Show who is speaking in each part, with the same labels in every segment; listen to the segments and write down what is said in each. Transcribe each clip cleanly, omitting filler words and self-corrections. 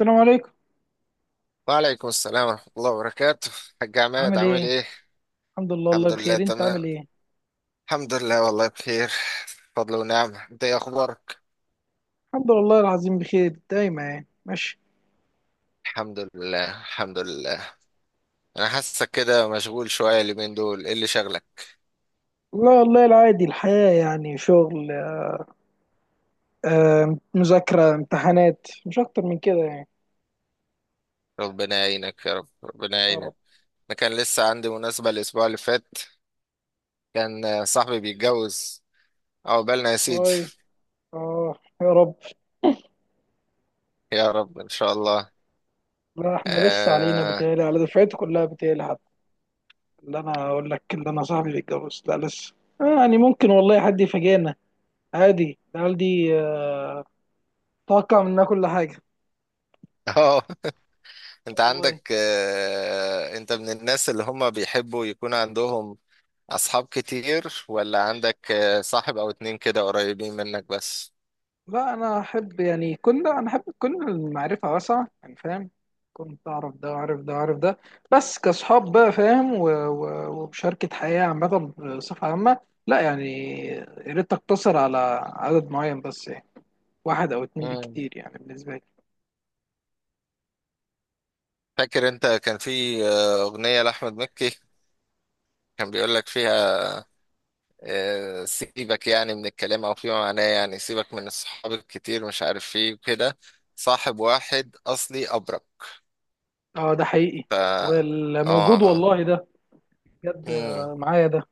Speaker 1: السلام عليكم.
Speaker 2: وعليكم السلام ورحمة الله وبركاته. حاج عماد
Speaker 1: عامل
Speaker 2: عامل
Speaker 1: ايه؟
Speaker 2: ايه؟
Speaker 1: الحمد لله الله
Speaker 2: الحمد لله
Speaker 1: بخير، انت
Speaker 2: تمام.
Speaker 1: عامل ايه؟
Speaker 2: الحمد لله والله بخير، فضل ونعمة. انت ايه اخبارك؟
Speaker 1: الحمد لله العظيم بخير دايما، يعني ماشي.
Speaker 2: الحمد لله الحمد لله. انا حاسك كده مشغول شوية اليومين دول، ايه اللي شغلك؟
Speaker 1: لا والله العادي، الحياة يعني شغل. آه، مذاكرة امتحانات، مش اكتر من كده يعني.
Speaker 2: ربنا يعينك يا رب، ربنا
Speaker 1: يا
Speaker 2: يعينك.
Speaker 1: رب.
Speaker 2: انا كان لسه عندي مناسبة الاسبوع اللي فات، كان صاحبي بيتجوز. عقبالنا يا سيدي.
Speaker 1: واي. اه. يا رب.
Speaker 2: يا رب ان شاء الله.
Speaker 1: لا احنا لسه علينا،
Speaker 2: اه.
Speaker 1: بتهيألي على دفعتي كلها بتهيألي حتى. اللي انا اقول لك، اللي انا صاحبي بيتجوز، لا لسه. آه يعني ممكن والله حد يفاجئنا، عادي، العيال دي آه، توقع منها كل حاجة.
Speaker 2: آه، انت عندك
Speaker 1: والله
Speaker 2: انت من الناس اللي هم بيحبوا يكون عندهم أصحاب كتير، ولا عندك صاحب أو اتنين كده قريبين منك بس؟
Speaker 1: لا، انا احب يعني كل، انا احب تكون المعرفه واسعه يعني، فاهم؟ كنت اعرف ده واعرف ده واعرف ده. بس كاصحاب بقى، فاهم، ومشاركه حياه عامه، بصفه عامه. لا يعني، يا ريت تقتصر على عدد معين بس يعني، واحد او اتنين
Speaker 2: مم.
Speaker 1: بالكتير يعني بالنسبه لي.
Speaker 2: فاكر أنت كان في أغنية لأحمد مكي، كان بيقول لك فيها سيبك، يعني من الكلام أو فيما معناه، يعني سيبك من الصحاب الكتير مش عارف فيه كده، صاحب واحد أصلي أبرك.
Speaker 1: اه ده حقيقي.
Speaker 2: ف
Speaker 1: واللي موجود
Speaker 2: آه.
Speaker 1: والله ده، بجد
Speaker 2: مم.
Speaker 1: آه، معايا ده.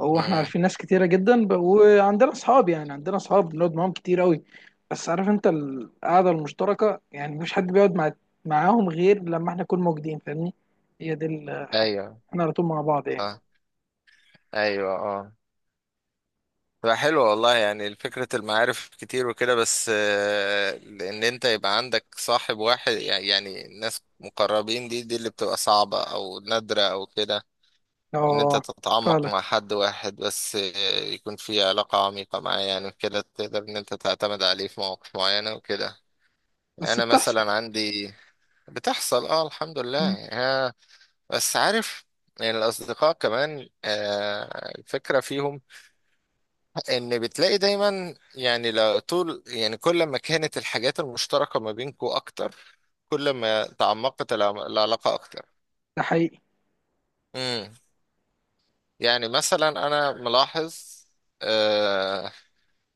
Speaker 1: هو احنا
Speaker 2: مم.
Speaker 1: عارفين ناس كتيرة جدا وعندنا اصحاب، يعني عندنا اصحاب بنقعد معاهم كتير قوي، بس عارف انت القعدة المشتركة، يعني مفيش حد بيقعد معاهم غير لما احنا نكون موجودين، فاهمني؟ هي دي
Speaker 2: أيوه
Speaker 1: احنا على طول مع بعض يعني.
Speaker 2: صح. أيوه آه. لا حلو والله، يعني فكرة المعارف كتير وكده، بس ان انت يبقى عندك صاحب واحد، يعني يعني ناس مقربين، دي اللي بتبقى صعبة او نادرة او كده. ان انت
Speaker 1: اه
Speaker 2: تتعمق
Speaker 1: فعلا،
Speaker 2: مع حد واحد بس يكون في علاقة عميقة معاه، يعني كده تقدر ان انت تعتمد عليه في مواقف معينة وكده.
Speaker 1: بس
Speaker 2: انا
Speaker 1: بتحصل.
Speaker 2: مثلا عندي، بتحصل اه الحمد لله
Speaker 1: مم.
Speaker 2: يعني بس عارف. يعني الاصدقاء كمان الفكرة فيهم ان بتلاقي دايما، يعني لو طول يعني كل ما كانت الحاجات المشتركة ما بينكو اكتر، كل ما تعمقت العلاقة اكتر.
Speaker 1: ده حقيقي.
Speaker 2: امم. يعني مثلا انا ملاحظ آه،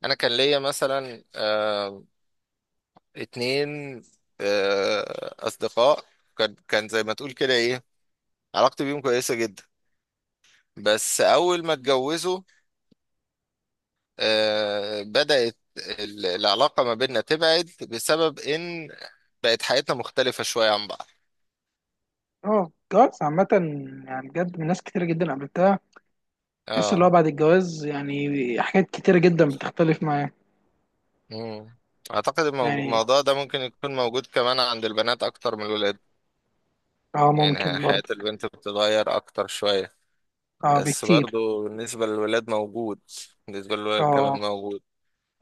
Speaker 2: انا كان ليا مثلا آه اتنين آه اصدقاء، كان زي ما تقول كده ايه، علاقتي بيهم كويسة جدا، بس اول ما اتجوزوا بدأت العلاقة ما بيننا تبعد بسبب إن بقت حياتنا مختلفة شوية عن بعض.
Speaker 1: اه الجواز عامة، يعني بجد من ناس كتيرة جدا قابلتها، تحس اللي هو
Speaker 2: اه.
Speaker 1: بعد الجواز يعني حاجات كتيرة جدا بتختلف معاه.
Speaker 2: مم. أعتقد الموضوع
Speaker 1: يعني
Speaker 2: الموضوع ده ممكن يكون موجود كمان عند البنات أكتر من الولاد.
Speaker 1: اه
Speaker 2: يعني
Speaker 1: ممكن
Speaker 2: حياة
Speaker 1: برضه.
Speaker 2: البنت بتتغير أكتر شوية،
Speaker 1: اه
Speaker 2: بس
Speaker 1: بكتير.
Speaker 2: برضو بالنسبة للولاد موجود، بالنسبة للولاد كمان
Speaker 1: اه.
Speaker 2: موجود.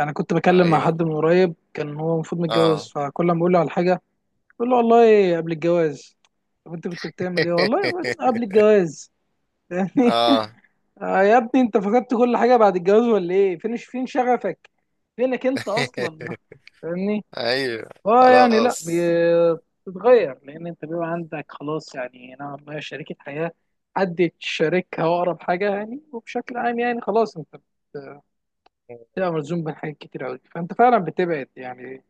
Speaker 1: انا كنت
Speaker 2: آه
Speaker 1: بكلم مع
Speaker 2: يمكن.
Speaker 1: حد من قريب، كان هو المفروض متجوز،
Speaker 2: اه.
Speaker 1: فكل ما بقول له على حاجه بقول له: والله قبل الجواز، طب انت كنت بتعمل ايه والله قبل الجواز؟ يعني
Speaker 2: اه.
Speaker 1: آه يا ابني، انت فقدت كل حاجه بعد الجواز ولا ايه؟ فين فين شغفك؟ فينك انت اصلا؟ فاهمني؟
Speaker 2: ايوه.
Speaker 1: اه يعني، لا
Speaker 2: خلاص.
Speaker 1: بي- بتتغير، لان انت بيبقى عندك خلاص يعني نوعا ما شريكه حياه، حد تشاركها واقرب حاجه يعني، وبشكل عام يعني خلاص انت بتبقى ملزوم بحاجات كتير قوي، فانت فعلا بتبعد، يعني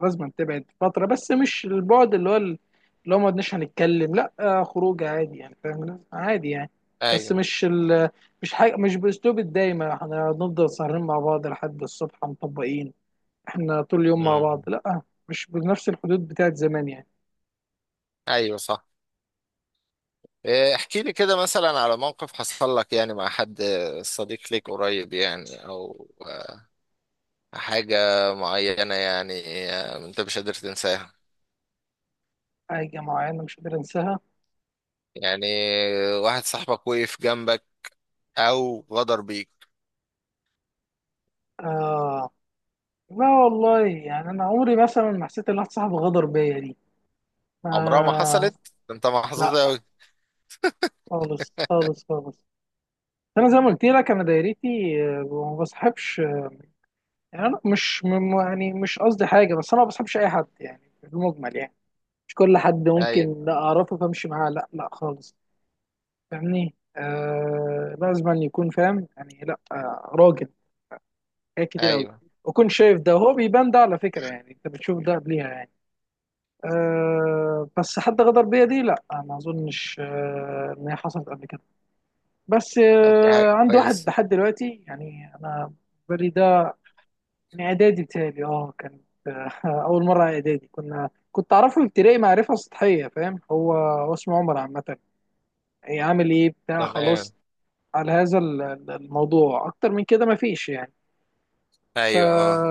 Speaker 1: لازم تبعد فترة. بس مش البعد اللي هو اللي هو ما قعدناش هنتكلم، لا آه، خروج عادي يعني، فاهم؟ عادي يعني. بس
Speaker 2: ايوه.
Speaker 1: مش مش حاجة، مش بأسلوب الدايمة احنا هنفضل سهرين مع بعض لحد الصبح مطبقين، احنا طول اليوم مع بعض،
Speaker 2: مم.
Speaker 1: لا. مش بنفس الحدود بتاعت زمان يعني.
Speaker 2: ايوه صح. إيه، احكي لي كده مثلا على موقف حصل لك يعني مع حد صديق ليك قريب يعني او حاجة معينة، يعني انت مش قادر تنساها.
Speaker 1: حاجة معينة مش قادر انساها؟
Speaker 2: يعني واحد صاحبك وقف جنبك او غدر بيك.
Speaker 1: آه لا والله، يعني انا عمري مثلا ما حسيت ان واحد صاحبي غدر بيا دي،
Speaker 2: عمرها ما
Speaker 1: آه.
Speaker 2: حصلت، انت محظوظ
Speaker 1: لا
Speaker 2: اوي.
Speaker 1: خالص خالص خالص. انا زي ما قلت لك، انا دايرتي آه، ما بصاحبش يعني. انا مش م- يعني مش قصدي حاجه، بس انا ما بصاحبش اي حد يعني في المجمل يعني، مش كل حد
Speaker 2: ايوه
Speaker 1: ممكن لا اعرفه فامشي معاه، لا لا خالص. فاهمني؟ آه، لازم أن يكون فاهم يعني، لا آه راجل، حاجات كتير قوي.
Speaker 2: ايوه.
Speaker 1: وكون شايف ده، وهو بيبان ده على فكره، يعني انت بتشوف ده قبليها يعني. آه بس حد غدر بيا دي، لا آه، ما اظنش آه ان هي حصلت قبل كده. بس
Speaker 2: طب دي
Speaker 1: آه
Speaker 2: حاجة
Speaker 1: عندي واحد
Speaker 2: كويسة.
Speaker 1: لحد دلوقتي يعني، انا بالي ده من اعدادي بتهيألي اه كانت، آه، اول مره اعدادي كنا، كنت اعرفه ابتدائي معرفه سطحيه، فاهم؟ هو اسمه عمر، عامه هي عامل ايه بتاع،
Speaker 2: تمام.
Speaker 1: خلاص، على هذا الموضوع، اكتر من كده مفيش يعني. ف
Speaker 2: ايوه اه.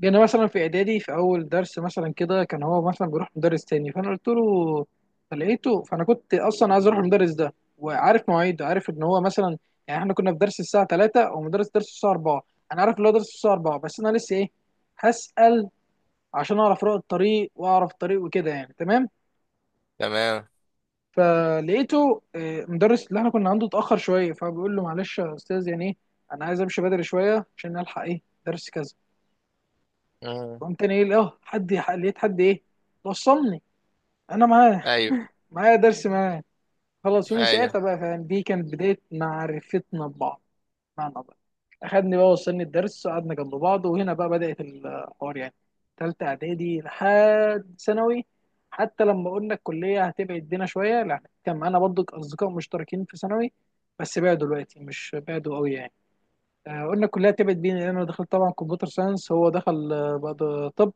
Speaker 1: جينا مثلا في اعدادي في اول درس مثلا كده، كان هو مثلا بيروح مدرس تاني، فانا قلت له، فلقيته، فانا كنت اصلا عايز اروح المدرس ده، وعارف مواعيده، عارف ان هو مثلا يعني، احنا كنا في درس الساعه 3 ومدرس درس الساعه 4، انا عارف ان هو درس الساعه 4، بس انا لسه ايه، هسأل عشان اعرف رؤى الطريق، واعرف الطريق وكده يعني، تمام.
Speaker 2: تمام.
Speaker 1: فلقيته آه، مدرس اللي احنا كنا عنده اتاخر شويه، فبيقول له: معلش يا استاذ، يعني ايه، انا عايز امشي بدري شويه عشان الحق ايه درس كذا.
Speaker 2: مم.
Speaker 1: قمت تاني ايه، اه حد لقيت حد ايه وصلني، انا معاه،
Speaker 2: ايوه
Speaker 1: معايا درس معاه، خلصوني ساعتها
Speaker 2: ايوه.
Speaker 1: بقى، فاهم؟ دي كانت بدايه معرفتنا ببعض، معنى الله، اخدني بقى وصلني الدرس، قعدنا جنب بعض، وهنا بقى بدأت الحوار يعني، تالتة اعدادي لحد ثانوي. حتى لما قلنا الكلية هتبعد بينا شوية، لا كان معانا برضو اصدقاء مشتركين في ثانوي، بس بعدوا دلوقتي، مش بعدوا قوي يعني. آه، قلنا الكلية هتبعد بينا لأن انا دخلت طبعا كمبيوتر ساينس، هو دخل آه، بقى طب،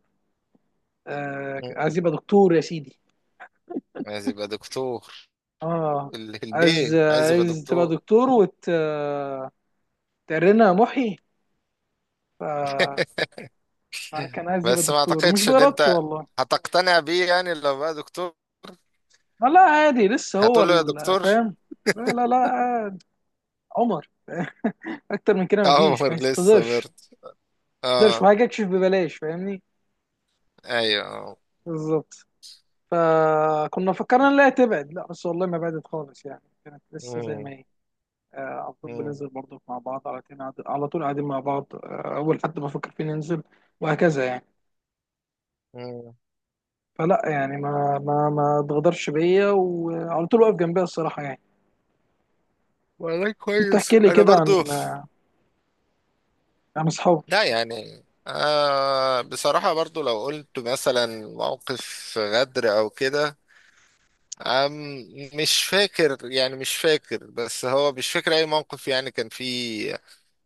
Speaker 1: آه،
Speaker 2: مم.
Speaker 1: عايز يبقى دكتور يا سيدي.
Speaker 2: عايز يبقى دكتور.
Speaker 1: اه، عايز،
Speaker 2: البيه عايز يبقى
Speaker 1: عايز تبقى
Speaker 2: دكتور.
Speaker 1: دكتور وت آه، تقرنا يا محي. ف كان عايز يبقى
Speaker 2: بس ما
Speaker 1: دكتور، ومش
Speaker 2: اعتقدش ان
Speaker 1: بإرادته
Speaker 2: انت
Speaker 1: والله.
Speaker 2: هتقتنع بيه يعني لو بقى دكتور،
Speaker 1: آه لا عادي، لسه هو
Speaker 2: هتقول له يا دكتور؟
Speaker 1: فاهم. لا عادي. عمر، اكتر من كده مفيش،
Speaker 2: عمر
Speaker 1: ما
Speaker 2: لسه
Speaker 1: يستظهرش.
Speaker 2: برد.
Speaker 1: ما يستظهرش
Speaker 2: اه.
Speaker 1: وهاجي اكشف ببلاش، فاهمني؟
Speaker 2: ايوه آه.
Speaker 1: بالظبط. فكنا فكرنا ان لا تبعد، لا بس والله ما بعدت خالص يعني، كانت لسه زي ما
Speaker 2: مم،
Speaker 1: هي. آه، على طول
Speaker 2: مم،
Speaker 1: بننزل برضه مع بعض، على طول على طول قاعدين مع بعض، آه، اول حد بفكر فيه ننزل، وهكذا يعني.
Speaker 2: مم.
Speaker 1: فلا يعني، ما اتغدرش بيا، وعلى طول واقف جنبي الصراحه يعني.
Speaker 2: والله
Speaker 1: انت احكي
Speaker 2: كويس
Speaker 1: لي
Speaker 2: انا
Speaker 1: كده عن،
Speaker 2: برضو.
Speaker 1: عن اصحابك.
Speaker 2: لا يعني آه بصراحة برضو لو قلت مثلا موقف غدر او كده، أم، مش فاكر يعني، مش فاكر، بس هو مش فاكر اي موقف يعني كان فيه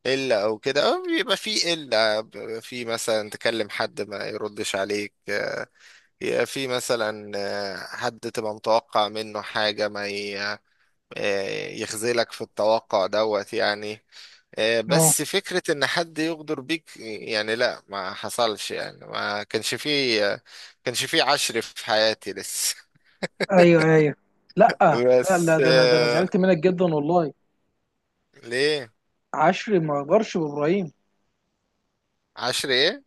Speaker 2: قلة أو كده، أو بيبقى في قلة بيبقى في مثلا تكلم حد ما يردش عليك يبقى في مثلا حد تبقى متوقع منه حاجة ما ي- يخذلك في التوقع دوت يعني.
Speaker 1: اه.
Speaker 2: بس فكرة إن حد يغدر بيك، يعني لا ما حصلش يعني، ما كانش فيه كانش فيه عشر في حياتي لسه.
Speaker 1: ايوه ايوه. لا لا لا،
Speaker 2: بس
Speaker 1: ده انا، ده انا زعلت
Speaker 2: آه،
Speaker 1: منك جدا والله.
Speaker 2: ليه؟
Speaker 1: عشري ما غدرش بابراهيم.
Speaker 2: عشر إيه؟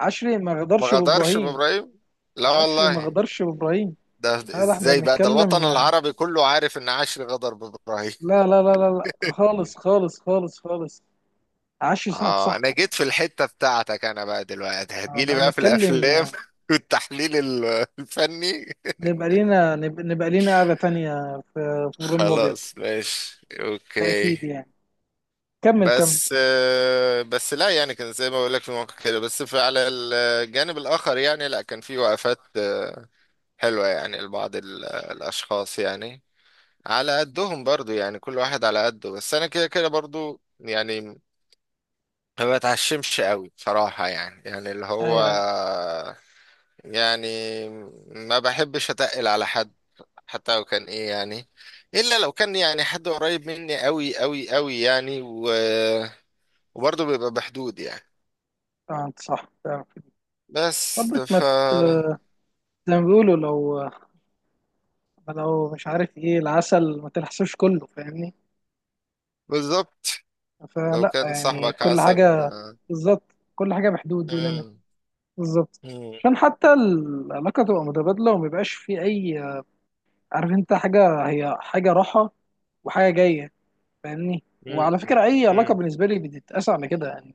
Speaker 1: عشري ما
Speaker 2: ما
Speaker 1: غدرش
Speaker 2: غدرش
Speaker 1: بابراهيم.
Speaker 2: بإبراهيم، لا
Speaker 1: عشري ما
Speaker 2: والله.
Speaker 1: غدرش بابراهيم.
Speaker 2: ده
Speaker 1: لا لا، احنا
Speaker 2: ازاي بقى، ده الوطن
Speaker 1: بنتكلم.
Speaker 2: العربي كله عارف ان عاشر غدر بإبراهيم.
Speaker 1: لا خالص خالص خالص خالص. عشري صاحب
Speaker 2: اه، انا
Speaker 1: صاحبه.
Speaker 2: جيت في الحتة بتاعتك، انا بقى دلوقتي هتجيلي
Speaker 1: لا
Speaker 2: بقى في الافلام
Speaker 1: نتكلم،
Speaker 2: والتحليل الفني.
Speaker 1: نبقى لينا، نبقى لينا قعدة تانية في، في ابراهيم الابيض.
Speaker 2: خلاص ماشي
Speaker 1: ده
Speaker 2: اوكي.
Speaker 1: اكيد يعني، كمل كمل.
Speaker 2: بس آه، بس لا يعني كان زي ما بقول لك في مواقع كده، بس في على الجانب الاخر يعني لا كان في وقفات حلوة يعني لبعض الاشخاص يعني، على قدهم برضو، يعني كل واحد على قده. بس انا كده كده برضو يعني ما بتعشمش قوي بصراحة، يعني يعني اللي
Speaker 1: ايوه
Speaker 2: هو
Speaker 1: ايوه.
Speaker 2: يعني ما بحبش اتقل على حد حتى لو كان ايه يعني، الا لو كان يعني حد قريب مني قوي قوي قوي يعني، و... وبرضه بيبقى بحدود يعني.
Speaker 1: آه، انت صح فعلا.
Speaker 2: بس
Speaker 1: برضك ما
Speaker 2: ف
Speaker 1: ت- زي ما بيقولوا، لو، لو مش عارف ايه العسل ما تلحسوش كله، فاهمني؟
Speaker 2: بالظبط. لو
Speaker 1: فلا
Speaker 2: كان
Speaker 1: يعني
Speaker 2: صاحبك
Speaker 1: كل
Speaker 2: عسل.
Speaker 1: حاجة. بالظبط. كل حاجة بحدود وليميت.
Speaker 2: مم.
Speaker 1: بالظبط.
Speaker 2: مم.
Speaker 1: عشان حتى العلاقة تبقى متبادلة، وما يبقاش في أي، عارف أنت حاجة، هي حاجة راحة وحاجة جاية، فاهمني؟
Speaker 2: مم.
Speaker 1: وعلى فكرة أي علاقة
Speaker 2: مم.
Speaker 1: بالنسبة لي بتتقاس على كده يعني.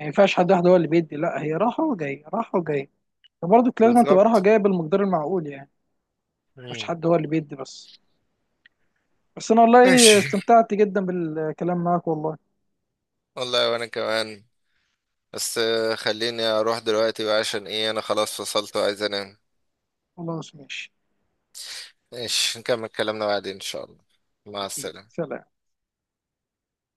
Speaker 1: ما ينفعش حد واحد هو اللي بيدي، لا هي راحة وجاية، راحة وجاية، فبرضه لازم تبقى راحة
Speaker 2: بالظبط.
Speaker 1: جاية بالمقدار المعقول يعني، مش
Speaker 2: مم.
Speaker 1: حد هو اللي بيدي بس. بس أنا والله
Speaker 2: ماشي.
Speaker 1: استمتعت جدا بالكلام معاك والله.
Speaker 2: والله وانا كمان. بس خليني اروح دلوقتي بقى عشان ايه انا خلاص فصلت وعايز انام.
Speaker 1: خلاص ماشي.
Speaker 2: ماشي نكمل كلامنا بعدين ان شاء الله. مع
Speaker 1: أكيد،
Speaker 2: السلامة.
Speaker 1: سلام.